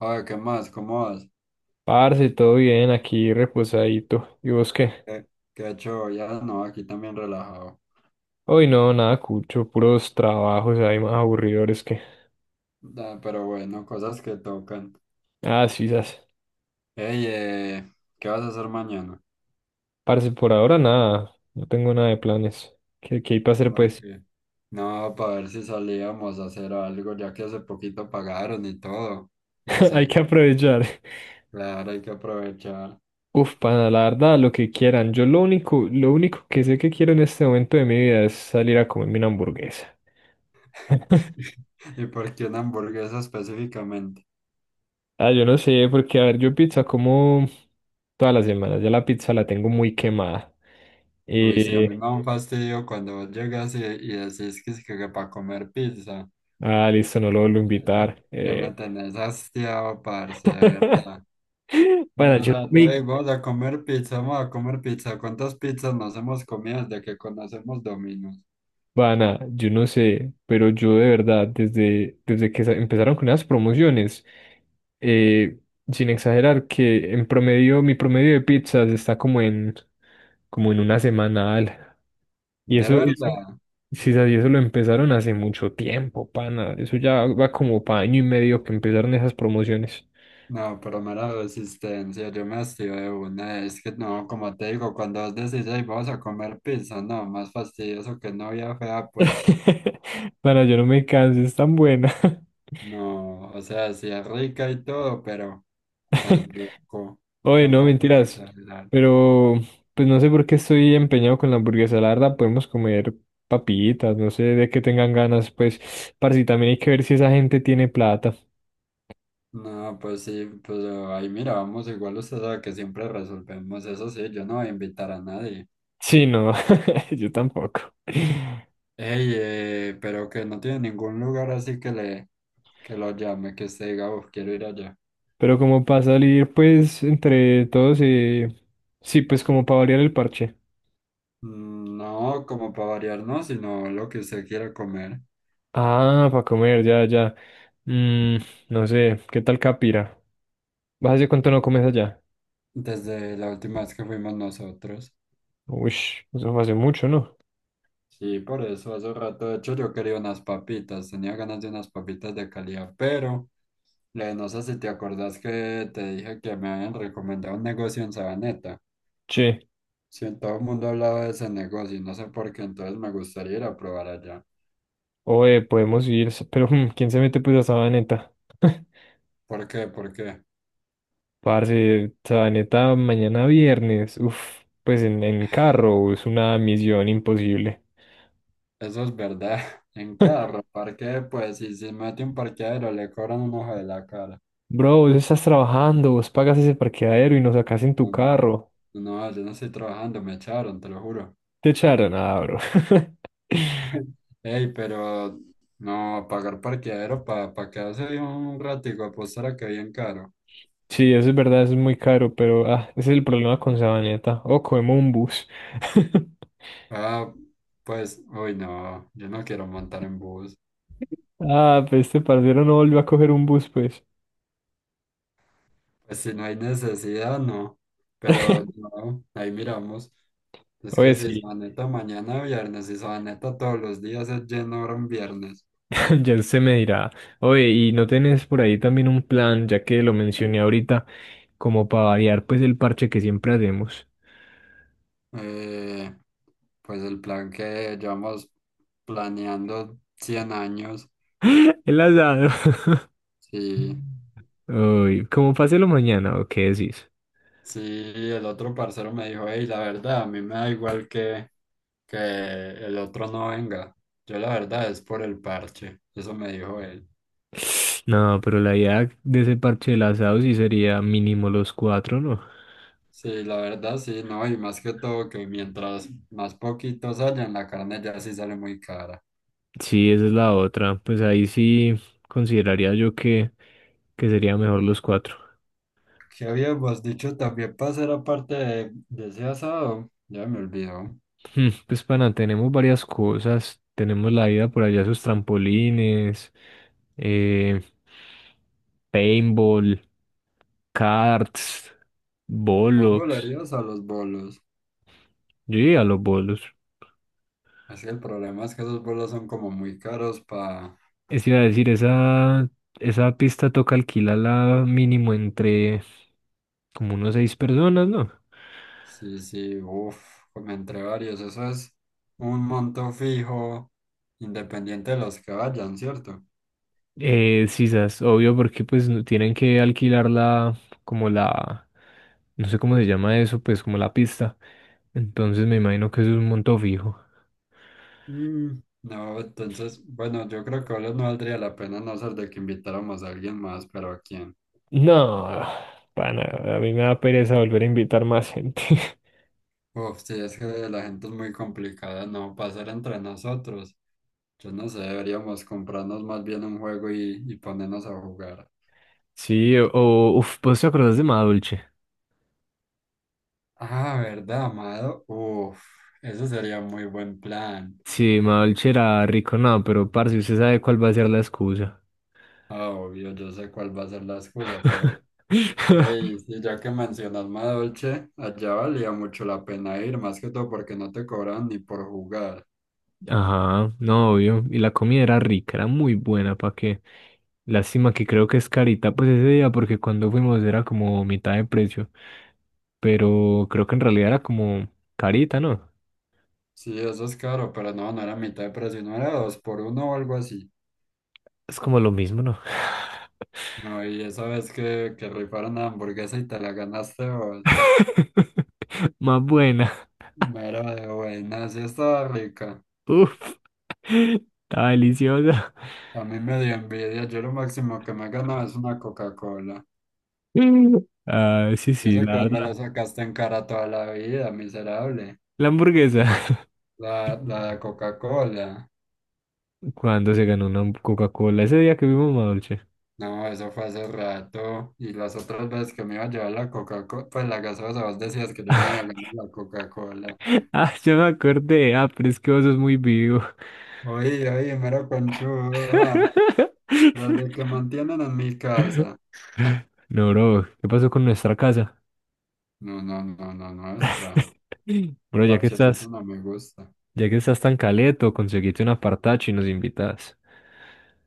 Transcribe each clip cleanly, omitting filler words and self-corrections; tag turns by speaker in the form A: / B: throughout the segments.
A: Oye, ¿qué más? ¿Cómo vas?
B: Parce, todo bien, aquí reposadito. ¿Y vos qué?
A: ¿Qué, qué ha hecho? Ya no, aquí también relajado.
B: Hoy no, nada cucho, puros trabajos hay más aburridores que.
A: Pero bueno, cosas que tocan.
B: Ah, sí, sas.
A: Ey, ¿qué vas a hacer mañana?
B: Parce, por ahora nada, no tengo nada de planes. ¿Qué hay para hacer, pues?
A: Porque no, para ver si salíamos a hacer algo, ya que hace poquito pagaron y todo. No
B: Hay
A: sé.
B: que aprovechar.
A: Claro, hay que aprovechar.
B: Uf, para la verdad, lo que quieran. Yo lo único que sé que quiero en este momento de mi vida es salir a comerme una hamburguesa.
A: ¿Y por qué una hamburguesa específicamente?
B: Ah, yo no sé, porque a ver, yo pizza como todas las semanas, ya la pizza la tengo muy quemada. Sí.
A: Uy, sí, a mí me da un fastidio cuando vos llegas y decís que, es que, para comer pizza.
B: Ah, listo, no lo vuelvo a invitar.
A: Ya me tenés hastiado, parce, de verdad. Todo
B: Pana,
A: el
B: yo no
A: rato, "Ey,
B: me...
A: vamos a comer pizza, vamos a comer pizza. ¿Cuántas pizzas nos hemos comido desde que conocemos Domino's?"
B: Pana, yo no sé, pero yo de verdad, empezaron con las promociones, eh, sin exagerar, que en promedio, mi promedio de pizzas está como en una semanal. Y
A: ¿De
B: eso,
A: verdad?
B: sí, sabes, y eso lo empezaron hace mucho tiempo, pana. Eso ya va como para año y medio que empezaron esas promociones.
A: No, pero mera resistencia, yo me hastío de una. Es que no, como te digo, cuando vos decís, "Ey, vamos a comer pizza", no, más fastidioso que novia fea, pues.
B: Pana, yo no me canso, es tan buena.
A: No, o sea, sí es rica y todo, pero tampoco,
B: Oye, no,
A: tampoco
B: mentiras.
A: exagerar.
B: Pero, pues no sé por qué estoy empeñado con la hamburguesa. La verdad, podemos comer papitas, no sé de qué tengan ganas, pues. Parce, y también hay que ver si esa gente tiene plata.
A: No, pues sí, pues ahí mira, vamos, igual usted sabe que siempre resolvemos eso, sí, yo no voy a invitar a nadie.
B: Sí, no, yo tampoco.
A: Ey, pero que no tiene ningún lugar así que le que lo llame, que se diga, "Uf, quiero ir allá".
B: Pero como para salir, pues, entre todos, sí, pues como para variar el parche.
A: Mm, no, como para variar, no, sino lo que usted quiera comer.
B: Ah, para comer, ya, ya. Mm, no sé, ¿qué tal Capira? ¿Vas hace cuánto no comes allá?
A: Desde la última vez que fuimos nosotros.
B: Uy, eso fue hace mucho, ¿no?
A: Sí, por eso hace rato, de hecho, yo quería unas papitas, tenía ganas de unas papitas de calidad, pero no sé si te acordás que te dije que me habían recomendado un negocio en Sabaneta.
B: Sí.
A: Sí, todo el mundo hablaba de ese negocio y no sé por qué, entonces me gustaría ir a probar allá.
B: Oye, podemos ir, pero ¿quién se mete pues a Sabaneta?
A: ¿Por qué? ¿Por qué?
B: Parce, Sabaneta mañana viernes, uf, pues en carro, es una misión imposible.
A: Eso es verdad. En carro parque, pues, si se mete un parqueadero, le cobran un ojo de la cara.
B: Bro, vos estás trabajando, vos pagas ese parqueadero y nos sacás en tu
A: No, no,
B: carro.
A: no, yo no estoy trabajando, me echaron, te lo juro.
B: Te echaron, ah, bro.
A: Ey, pero no, pagar parqueadero para pa pa quedarse ahí un ratico, apostar a que bien caro.
B: Sí, eso es verdad, eso es muy caro, pero ah, ese es el problema con Sabaneta. O cogemos un bus.
A: Ah, pues, uy, no, yo no quiero montar en bus.
B: Ah, pues este parcero no volvió a coger un bus, pues.
A: Pues si no hay necesidad, no. Pero no, ahí miramos. Es que
B: Oye,
A: si se
B: sí,
A: va neta mañana viernes, si se va neta todos los días es lleno ahora un viernes.
B: ya se me dirá, oye, ¿y no tenés por ahí también un plan, ya que lo mencioné ahorita, como para variar pues el parche que siempre hacemos?
A: Eh, pues el plan que llevamos planeando 100 años.
B: El asado.
A: Sí,
B: Uy, como páselo mañana, ¿o qué decís?
A: sí, el otro parcero me dijo, hey, la verdad, a mí me da igual que, el otro no venga. Yo la verdad es por el parche, eso me dijo él.
B: No, pero la idea de ese parche del asado sí sería mínimo los cuatro, ¿no?
A: Sí, la verdad sí, no, y más que todo que mientras más poquitos hayan, la carne ya sí sale muy cara.
B: Sí, esa es la otra. Pues ahí sí consideraría yo que sería mejor los cuatro.
A: ¿Qué habíamos dicho también para hacer aparte de ese asado? Ya me olvidó.
B: Pues pana, tenemos varias cosas. Tenemos la ida por allá a sus trampolines, eh, paintball, karts,
A: ¿Vos
B: bolos.
A: volarías a los bolos?
B: Yo iría a los bolos.
A: Así el problema es que esos vuelos son como muy caros para...
B: Es iba a decir, esa pista toca alquilarla mínimo entre como unos seis personas, ¿no?
A: Sí, sí, uff, como entre varios. Eso es un monto fijo, independiente de los que vayan, ¿cierto?
B: Sisas, obvio, porque pues tienen que alquilar la, no sé cómo se llama eso, pues como la pista. Entonces me imagino que eso es un monto fijo.
A: Mm, no, entonces, bueno, yo creo que ahora no valdría la pena a no ser de que invitáramos a alguien más, pero ¿a quién?
B: No, pana, a mí me da pereza volver a invitar más gente.
A: Uf, sí, es que la gente es muy complicada, ¿no? Pasar entre nosotros. Yo no sé, deberíamos comprarnos más bien un juego y ponernos a jugar.
B: Sí, o, uff, ¿vos te acordás de Madolche?
A: Ah, ¿verdad, Amado? Uf, eso sería muy buen plan.
B: Sí, Madolche era rico, no, pero parce, usted sabe cuál va a ser la excusa.
A: Ah, obvio, yo sé cuál va a ser la excusa, pero... Ey, sí, ya que mencionas Madolche, allá valía mucho la pena ir, más que todo porque no te cobran ni por jugar.
B: Ajá, no, obvio. Y la comida era rica, era muy buena, ¿para qué? Lástima que creo que es carita, pues ese día, porque cuando fuimos era como mitad de precio, pero creo que en realidad era como carita, ¿no?
A: Sí, eso es caro, pero no, no era mitad de precio, no era dos por uno o algo así.
B: Es como lo mismo, ¿no?
A: No, y esa vez que, rifaron la hamburguesa y te la ganaste vos,
B: Más buena.
A: mera de buena, sí estaba rica.
B: Uf, está deliciosa.
A: A mí me dio envidia, yo lo máximo que me he ganado es una Coca-Cola.
B: Ah, sí,
A: Y
B: sí,
A: eso que
B: la
A: vos me lo
B: verdad.
A: sacaste en cara toda la vida, miserable.
B: La hamburguesa.
A: la de Coca-Cola.
B: Cuando se ganó una Coca-Cola, ese día que vimos Madolche.
A: No, eso fue hace rato. Y las otras veces que me iba a llevar la Coca-Cola, pues la gaseosa, vos decías que yo me había ganado la Coca-Cola.
B: Ah, yo me acordé. Ah, pero es que vos sos muy vivo.
A: Oye, oye, mero conchudo, las de que mantienen en mi casa.
B: No, bro, ¿qué pasó con nuestra casa?
A: No, no, no, no, nuestra. El
B: Bro, ya que
A: parchecito
B: estás.
A: no me gusta.
B: Ya que estás tan caleto, conseguiste un apartacho y nos invitas.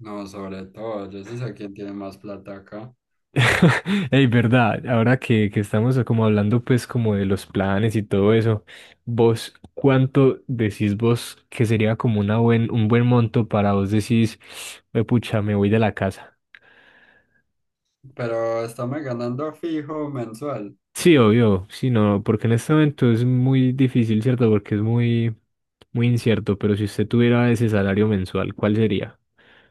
A: No, sobre todo, yo sí sé quién tiene más plata acá.
B: Ey, verdad, ahora que estamos como hablando pues como de los planes y todo eso, vos, ¿cuánto decís vos que sería como un buen monto para vos decís, "Hue pucha, me voy de la casa"?
A: Pero estamos ganando fijo mensual.
B: Sí, obvio, sí, no, porque en este momento es muy difícil, ¿cierto? Porque es muy, muy incierto, pero si usted tuviera ese salario mensual, ¿cuál sería?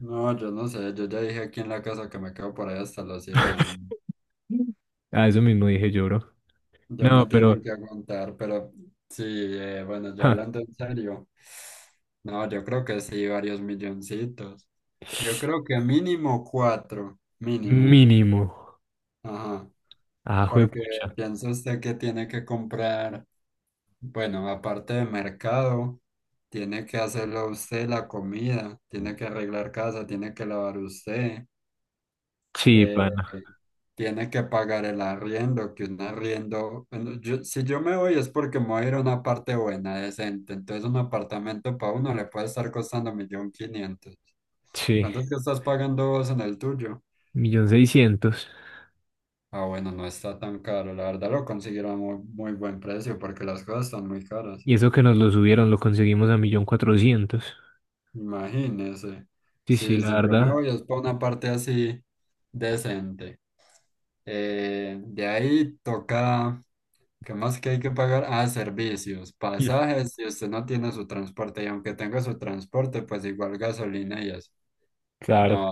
A: No, yo no sé, yo ya dije aquí en la casa que me quedo por ahí hasta los 100 años.
B: Ah, eso mismo dije yo, bro.
A: Ya me
B: No, pero
A: tienen que aguantar, pero sí, bueno, ya
B: ja,
A: hablando en serio, no, yo creo que sí, varios milloncitos. Yo creo que mínimo cuatro, mínimo,
B: mínimo.
A: ajá,
B: Ah,
A: porque
B: juepucha.
A: piensa usted que tiene que comprar, bueno, aparte de mercado, tiene que hacerlo usted la comida, tiene que arreglar casa, tiene que lavar usted.
B: Sí,
A: eh,
B: pana.
A: Tiene que pagar el arriendo, que un arriendo, bueno, si yo me voy es porque me voy a ir a una parte buena, decente, entonces un apartamento para uno le puede estar costando 1.500.000.
B: Sí,
A: ¿Cuánto es que estás pagando vos en el tuyo?
B: 1.600.000.
A: Ah, bueno, no está tan caro, la verdad lo consiguieron a muy, muy buen precio porque las cosas están muy caras.
B: Y eso que nos lo subieron, lo conseguimos a 1.400.000.
A: Imagínese,
B: Sí, sí,
A: si,
B: la
A: si yo me
B: verdad.
A: voy es para una parte así decente. De ahí toca. ¿Qué más que hay que pagar? Ah, servicios,
B: Mm.
A: pasajes, si usted no tiene su transporte, y aunque tenga su transporte, pues igual gasolina y eso.
B: Claro.
A: No,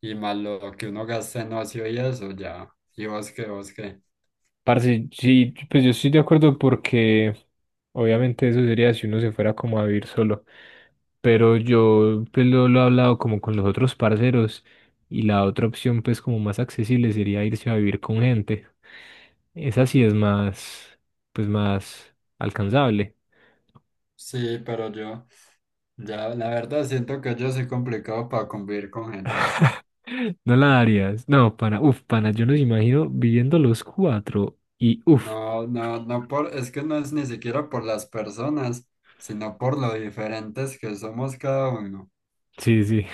A: y más lo que uno gasta en ocio y eso, ya. ¿Y vos qué, vos qué?
B: Parce, sí, pues yo estoy de acuerdo porque obviamente eso sería si uno se fuera como a vivir solo. Pero yo pues lo he hablado como con los otros parceros y la otra opción pues como más accesible sería irse a vivir con gente. Esa sí es más, pues más alcanzable.
A: Sí, pero yo, ya, la verdad siento que yo soy complicado para convivir con gente.
B: No la darías. No, pana, uf, pana, yo nos imagino viviendo los cuatro y uf,
A: No, no, no por, es que no es ni siquiera por las personas, sino por lo diferentes que somos cada uno.
B: sí, sí.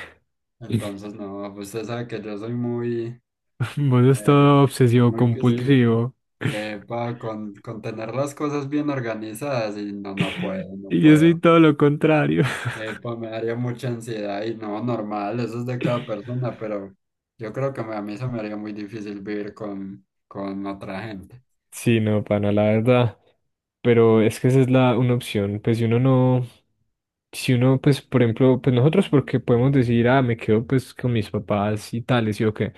A: Entonces, no, usted sabe que yo soy muy...
B: Vos es
A: eh,
B: todo obsesivo
A: Muy quisquilloso.
B: compulsivo.
A: Epa, con, tener las cosas bien organizadas y no, no puedo, no
B: Y yo soy
A: puedo.
B: todo lo contrario.
A: Epa, me daría mucha ansiedad y no, normal, eso es de cada persona, pero yo creo que a mí se me haría muy difícil vivir con otra gente.
B: Sí, no, pana, la verdad. Pero es que esa es la una opción. Pues si uno, pues, por ejemplo, pues nosotros porque podemos decir, ah, me quedo pues con mis papás y tales, y o qué.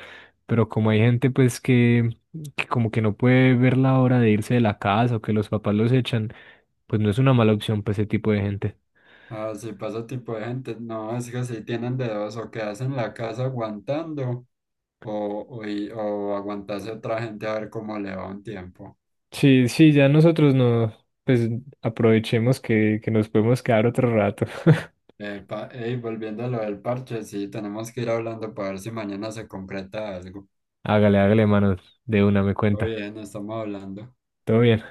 B: Pero como hay gente pues que como que no puede ver la hora de irse de la casa o que los papás los echan, pues no es una mala opción para ese tipo de gente.
A: Ah, si pasa tipo de gente, no, es que si tienen dedos o quedas en la casa aguantando o, o aguantarse a otra gente a ver cómo le va un tiempo.
B: Sí, sí, ya nosotros no, pues aprovechemos que nos podemos quedar otro rato.
A: Epa, ey, volviendo a lo del parche, sí, tenemos que ir hablando para ver si mañana se concreta algo.
B: Hágale, hágale, manos. De una me
A: Oye,
B: cuenta.
A: no estamos hablando.
B: Todo bien.